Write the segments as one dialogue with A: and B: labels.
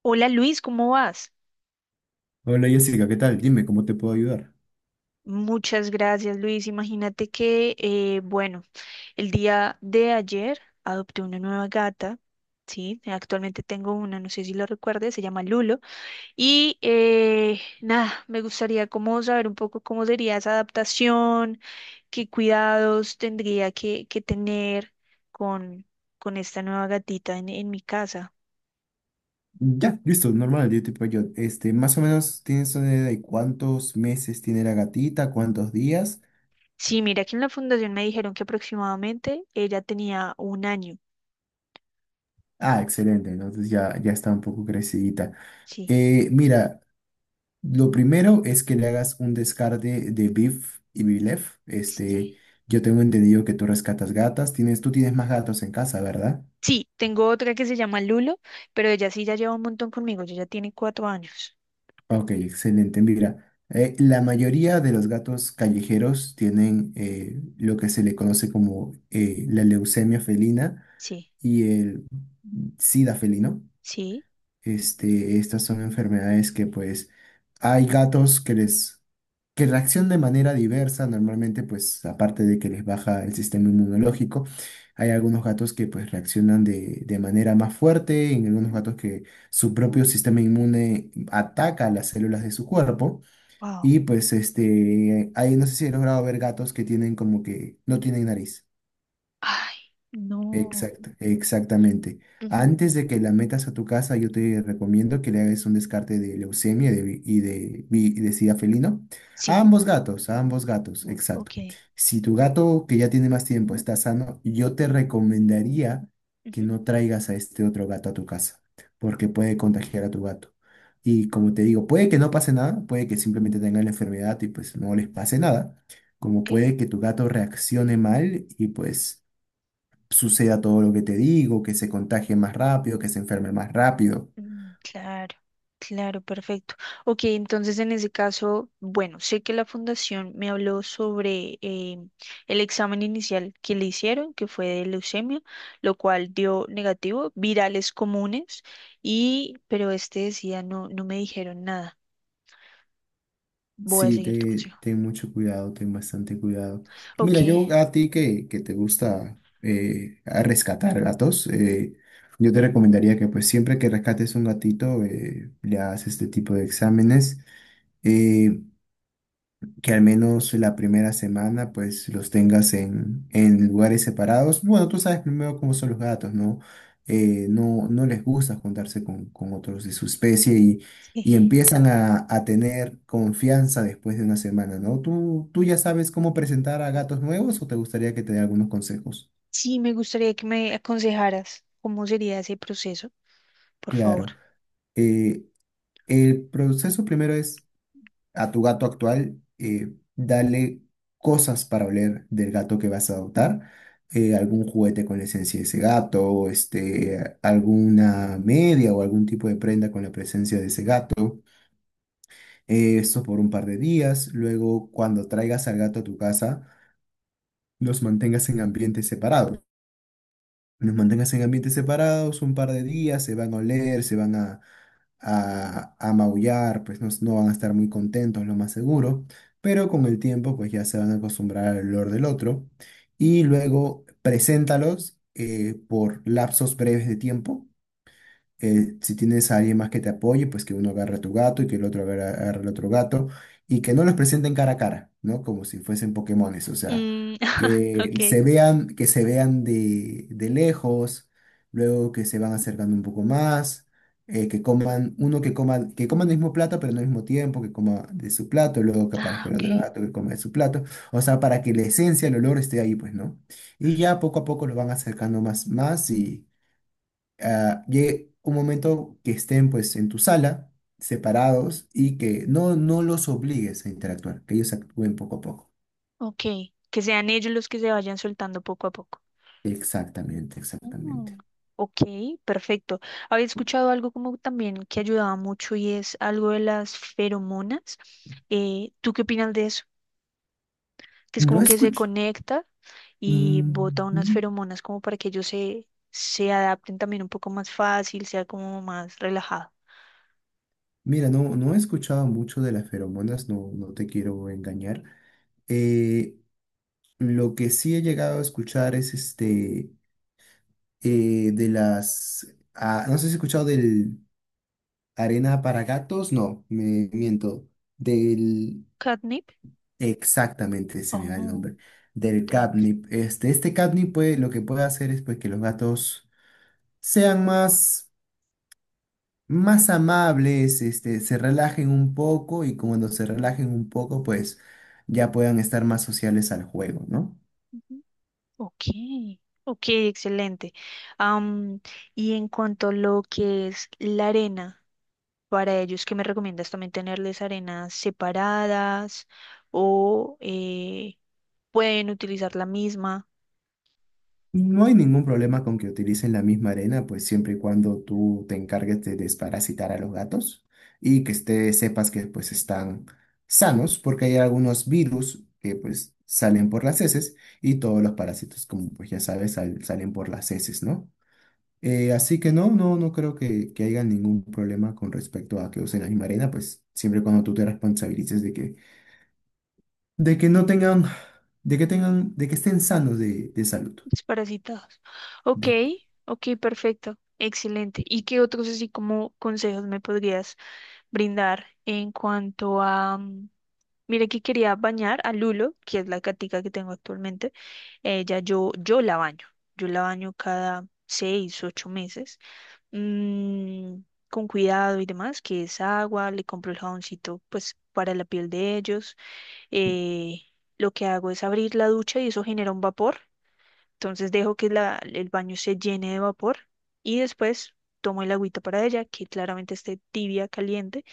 A: Hola Luis, ¿cómo vas?
B: Hola Jessica, ¿qué tal? Dime, ¿cómo te puedo ayudar?
A: Muchas gracias, Luis. Imagínate que, bueno, el día de ayer adopté una nueva gata, ¿sí? Actualmente tengo una, no sé si lo recuerdes, se llama Lulo. Y nada, me gustaría como saber un poco cómo sería esa adaptación, qué cuidados tendría que tener con, con esta nueva gatita en mi casa.
B: Ya, listo, normal, yo te puedo ayudar. Este, más o menos tienes una idea de cuántos meses tiene la gatita, cuántos días.
A: Sí, mira que en la fundación me dijeron que aproximadamente ella tenía 1 año,
B: Ah, excelente, entonces ya, ya está un poco crecidita.
A: sí.
B: Mira, lo primero es que le hagas un descarte de Beef y Bilef. Este,
A: Sí.
B: yo tengo entendido que tú rescatas gatas, tienes, tú tienes más gatos en casa, ¿verdad?
A: Sí, tengo otra que se llama Lulo, pero ella sí ya lleva un montón conmigo, ella ya tiene 4 años.
B: Ok, excelente. Mira, la mayoría de los gatos callejeros tienen lo que se le conoce como la leucemia felina
A: Sí,
B: y el SIDA felino.
A: sí,
B: Este, estas son enfermedades que pues hay gatos que les, que reaccionan de manera diversa, normalmente pues aparte de que les baja el sistema inmunológico, hay algunos gatos que pues reaccionan de manera más fuerte, en algunos gatos que su propio sistema inmune ataca las células de su cuerpo
A: wow.
B: y pues este, ahí no sé si he logrado ver gatos que tienen como que no tienen nariz.
A: Ay, no.
B: Exacta, exactamente.
A: Ujú,
B: Antes de que la metas a tu casa, yo te recomiendo que le hagas un descarte de leucemia y de sida felino.
A: sí,
B: A ambos gatos, exacto.
A: ok.
B: Si tu gato que ya tiene más tiempo está sano, yo te recomendaría que
A: Ujú,
B: no traigas a este otro gato a tu casa, porque puede contagiar a tu gato. Y
A: mm,
B: como te digo, puede que no pase nada, puede que simplemente tengan la enfermedad y pues no les pase nada, como
A: ok.
B: puede que tu gato reaccione mal y pues suceda todo lo que te digo, que se contagie más rápido, que se enferme más rápido.
A: Mm, claro, claro, perfecto. Ok, entonces en ese caso, bueno, sé que la fundación me habló sobre el examen inicial que le hicieron, que fue de leucemia, lo cual dio negativo, virales comunes, y, pero este decía, no, no me dijeron nada. Voy a
B: Sí,
A: seguir tu
B: te,
A: consejo.
B: ten mucho cuidado, ten bastante cuidado.
A: Ok,
B: Mira, yo a ti que te gusta a rescatar gatos, yo te recomendaría que pues siempre que rescates un gatito le hagas este tipo de exámenes. Eh, que al menos la primera semana pues los tengas en lugares separados. Bueno, tú sabes primero cómo son los gatos, ¿no? No, no les gusta juntarse con otros de su especie y
A: sí.
B: empiezan a tener confianza después de una semana, ¿no? ¿Tú, tú ya sabes cómo presentar a gatos nuevos o te gustaría que te dé algunos consejos?
A: Sí, me gustaría que me aconsejaras cómo sería ese proceso, por favor.
B: Claro. Eh, el proceso primero es a tu gato actual, dale cosas para oler del gato que vas a adoptar, algún juguete con la esencia de ese gato, o, este, alguna media o algún tipo de prenda con la presencia de ese gato, esto por un par de días, luego cuando traigas al gato a tu casa, los mantengas en ambientes separados. Los mantengas en ambientes separados un par de días, se van a oler, se van a maullar, pues no, no van a estar muy contentos, lo más seguro, pero con el tiempo pues ya se van a acostumbrar al olor del otro y luego preséntalos por lapsos breves de tiempo si tienes a alguien más que te apoye, pues que uno agarre a tu gato y que el otro agarre al otro gato y que no los presenten cara a cara, ¿no? Como si fuesen Pokémones, o sea,
A: Mm, ok.
B: que se vean de lejos, luego que se van acercando un poco más, que coman, uno que coma, que coman el mismo plato, pero no al mismo tiempo, que coma de su plato, luego que
A: Ah,
B: aparezca el
A: ok.
B: otro gato que coma de su plato, o sea, para que la esencia, el olor esté ahí, pues, ¿no? Y ya poco a poco lo van acercando más, más y llegue un momento que estén pues en tu sala, separados, y que no, no los obligues a interactuar, que ellos actúen poco a poco.
A: Ok, que sean ellos los que se vayan soltando poco a poco.
B: Exactamente, exactamente.
A: Mm, ok, perfecto. Había escuchado algo como también que ayudaba mucho y es algo de las feromonas. ¿Tú qué opinas de eso? Que es
B: No
A: como que se
B: escuch...
A: conecta y bota unas
B: Mm,
A: feromonas como para que ellos se adapten también un poco más fácil, sea como más relajado.
B: Mira, no, no he escuchado mucho de las feromonas, no, no te quiero engañar. Eh, lo que sí he llegado a escuchar es este de las no sé si has escuchado del arena para gatos, no, me miento, del...
A: ¿Catnip?
B: Exactamente, se me va el
A: Oh,
B: nombre.
A: no
B: Del
A: te preocupes.
B: catnip. Este catnip puede, lo que puede hacer es pues, que los gatos sean más, más amables, este, se relajen un poco y cuando se
A: Ujú,
B: relajen un poco, pues ya puedan estar más sociales al juego, ¿no?
A: ujú. Ok, ok, excelente. Am, y en cuanto a lo que es la arena, para ellos, ¿qué me recomiendas también tenerles arenas separadas o pueden utilizar la misma
B: No hay ningún problema con que utilicen la misma arena, pues siempre y cuando tú te encargues de desparasitar a los gatos y que esté, sepas que pues están sanos, porque hay algunos virus que pues salen por las heces y todos los parásitos, como pues ya sabes, sal- salen por las heces, ¿no? Así que no, no, no creo que haya ningún problema con respecto a que usen la misma arena, pues siempre y cuando tú te responsabilices de que no tengan, de que tengan, de que estén sanos de salud.
A: desparasitados? Ok, ok, perfecto, excelente. ¿Y qué otros así como consejos me podrías brindar en cuanto a... Mira que quería bañar a Lulo, que es la catica que tengo actualmente. Ella, yo la baño. Yo la baño cada 6, 8 meses. Mm, con cuidado y demás, que es agua, le compro el jaboncito pues para la piel de ellos. Eh, lo que hago es abrir la ducha y eso genera un vapor, entonces dejo que el baño se llene de vapor y después tomo el agüita para ella, que claramente esté tibia, caliente,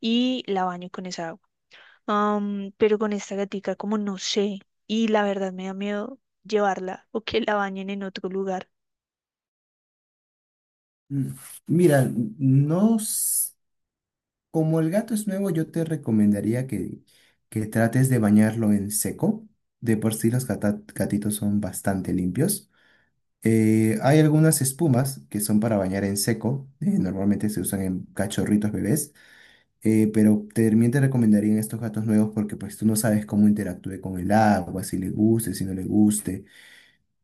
A: y la baño con esa agua. Am, pero con esta gatica, como no sé. Y la verdad me da miedo llevarla o que la bañen en otro lugar.
B: Mm, Mira, no, s- como el gato es nuevo, yo te recomendaría que trates de bañarlo en seco. De por sí los gata- gatitos son bastante limpios. Hay algunas espumas que son para bañar en seco. Normalmente se usan en cachorritos bebés. Pero también te recomendaría en estos gatos nuevos porque pues tú no sabes cómo interactúe con el agua, si le guste, si no le guste.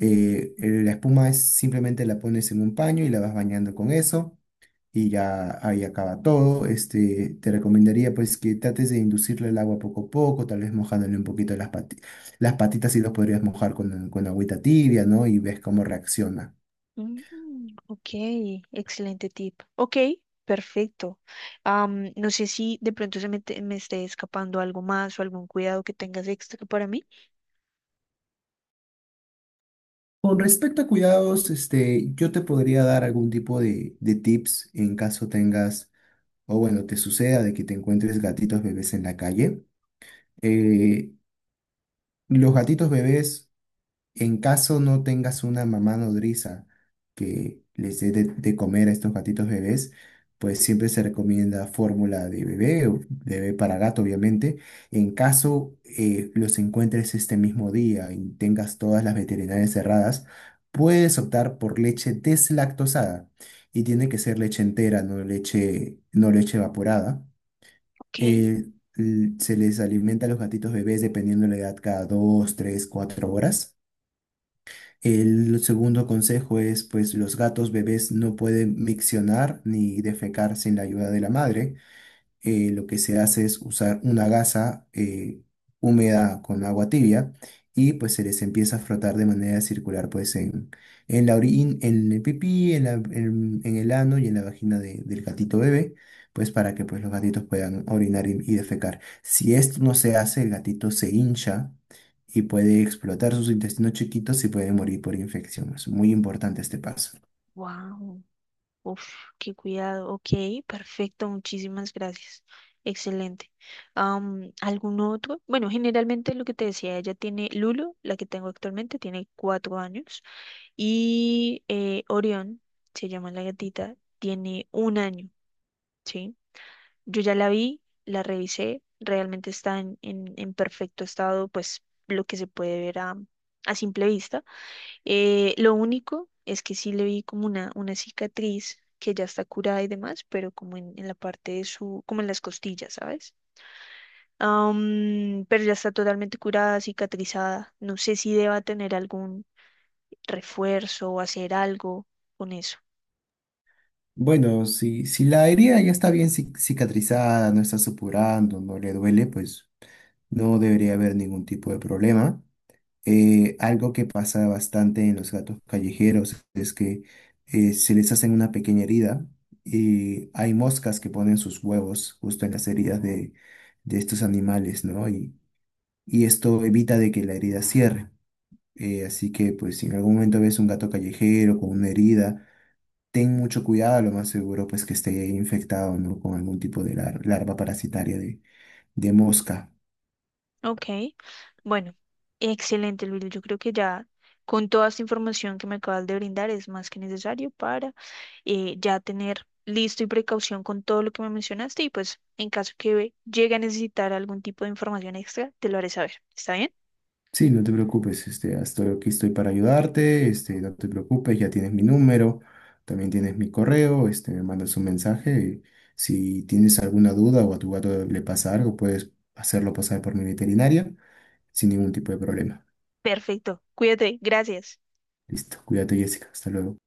B: La espuma es simplemente la pones en un paño y la vas bañando con eso y ya ahí acaba todo. Este, te recomendaría pues que trates de inducirle el agua poco a poco, tal vez mojándole un poquito las patitas y los podrías mojar con agüita tibia, ¿no? Y ves cómo reacciona.
A: Mm, ok, excelente tip. Ok, perfecto. Am, no sé si de pronto se me, me esté escapando algo más o algún cuidado que tengas extra para mí.
B: Con respecto a cuidados, este, yo te podría dar algún tipo de tips en caso tengas, o bueno, te suceda de que te encuentres gatitos bebés en la calle. Eh, los gatitos bebés... En caso no tengas una mamá nodriza que les dé de comer a estos gatitos bebés, pues siempre se recomienda fórmula de bebé o de bebé para gato, obviamente. En caso los encuentres este mismo día y tengas todas las veterinarias cerradas, puedes optar por leche deslactosada y tiene que ser leche entera, no leche, no leche evaporada.
A: Ok,
B: Eh, l- se les alimenta a los gatitos bebés dependiendo de la edad cada 2, 3, 4 horas. El segundo consejo es, pues los gatos bebés no pueden miccionar ni defecar sin la ayuda de la madre lo que se hace es usar una gasa húmeda con agua tibia y pues se les empieza a frotar de manera circular pues en la orina, en el pipí, en la- en el ano y en la vagina de- del gatito bebé, pues para que pues los gatitos puedan orinar y defecar. Si esto no se hace, el gatito se hincha y puede explotar sus intestinos chiquitos y puede morir por infección. Es muy importante este paso.
A: wow. Uf, qué cuidado. Ok, perfecto, muchísimas gracias. Excelente. ¿Algún otro? Bueno, generalmente lo que te decía, ella tiene Lulu, la que tengo actualmente, tiene 4 años, y Orión, se llama la gatita, tiene 1 año, ¿sí? Yo ya la vi, la revisé, realmente está en perfecto estado, pues lo que se puede ver a simple vista. Lo único es que sí le vi como una cicatriz que ya está curada y demás, pero como en la parte de su, como en las costillas, ¿sabes? Am, pero ya está totalmente curada, cicatrizada. No sé si deba tener algún refuerzo o hacer algo con eso.
B: Bueno, si, si la herida ya está bien cic- cicatrizada, no está supurando, no le duele, pues no debería haber ningún tipo de problema. Algo que pasa bastante en los gatos callejeros es que se les hacen una pequeña herida y hay moscas que ponen sus huevos justo en las heridas de estos animales, ¿no? Y esto evita de que la herida cierre. Así que pues si en algún momento ves un gato callejero con una herida, ten mucho cuidado, lo más seguro pues que esté ahí infectado, ¿no? Con algún tipo de lar- larva parasitaria de mosca.
A: Ok, bueno, excelente, Luis. Yo creo que ya con toda esta información que me acabas de brindar es más que necesario para ya tener listo y precaución con todo lo que me mencionaste y pues en caso que llegue a necesitar algún tipo de información extra, te lo haré saber. ¿Está bien?
B: Sí, no te preocupes, este, estoy aquí estoy para ayudarte, este, no te preocupes, ya tienes mi número, también tienes mi correo, este, me mandas un mensaje. Si tienes alguna duda o a tu gato le pasa algo, puedes hacerlo pasar por mi veterinaria sin ningún tipo de problema.
A: Perfecto. Cuídate. Gracias.
B: Listo, cuídate, Jessica, hasta luego.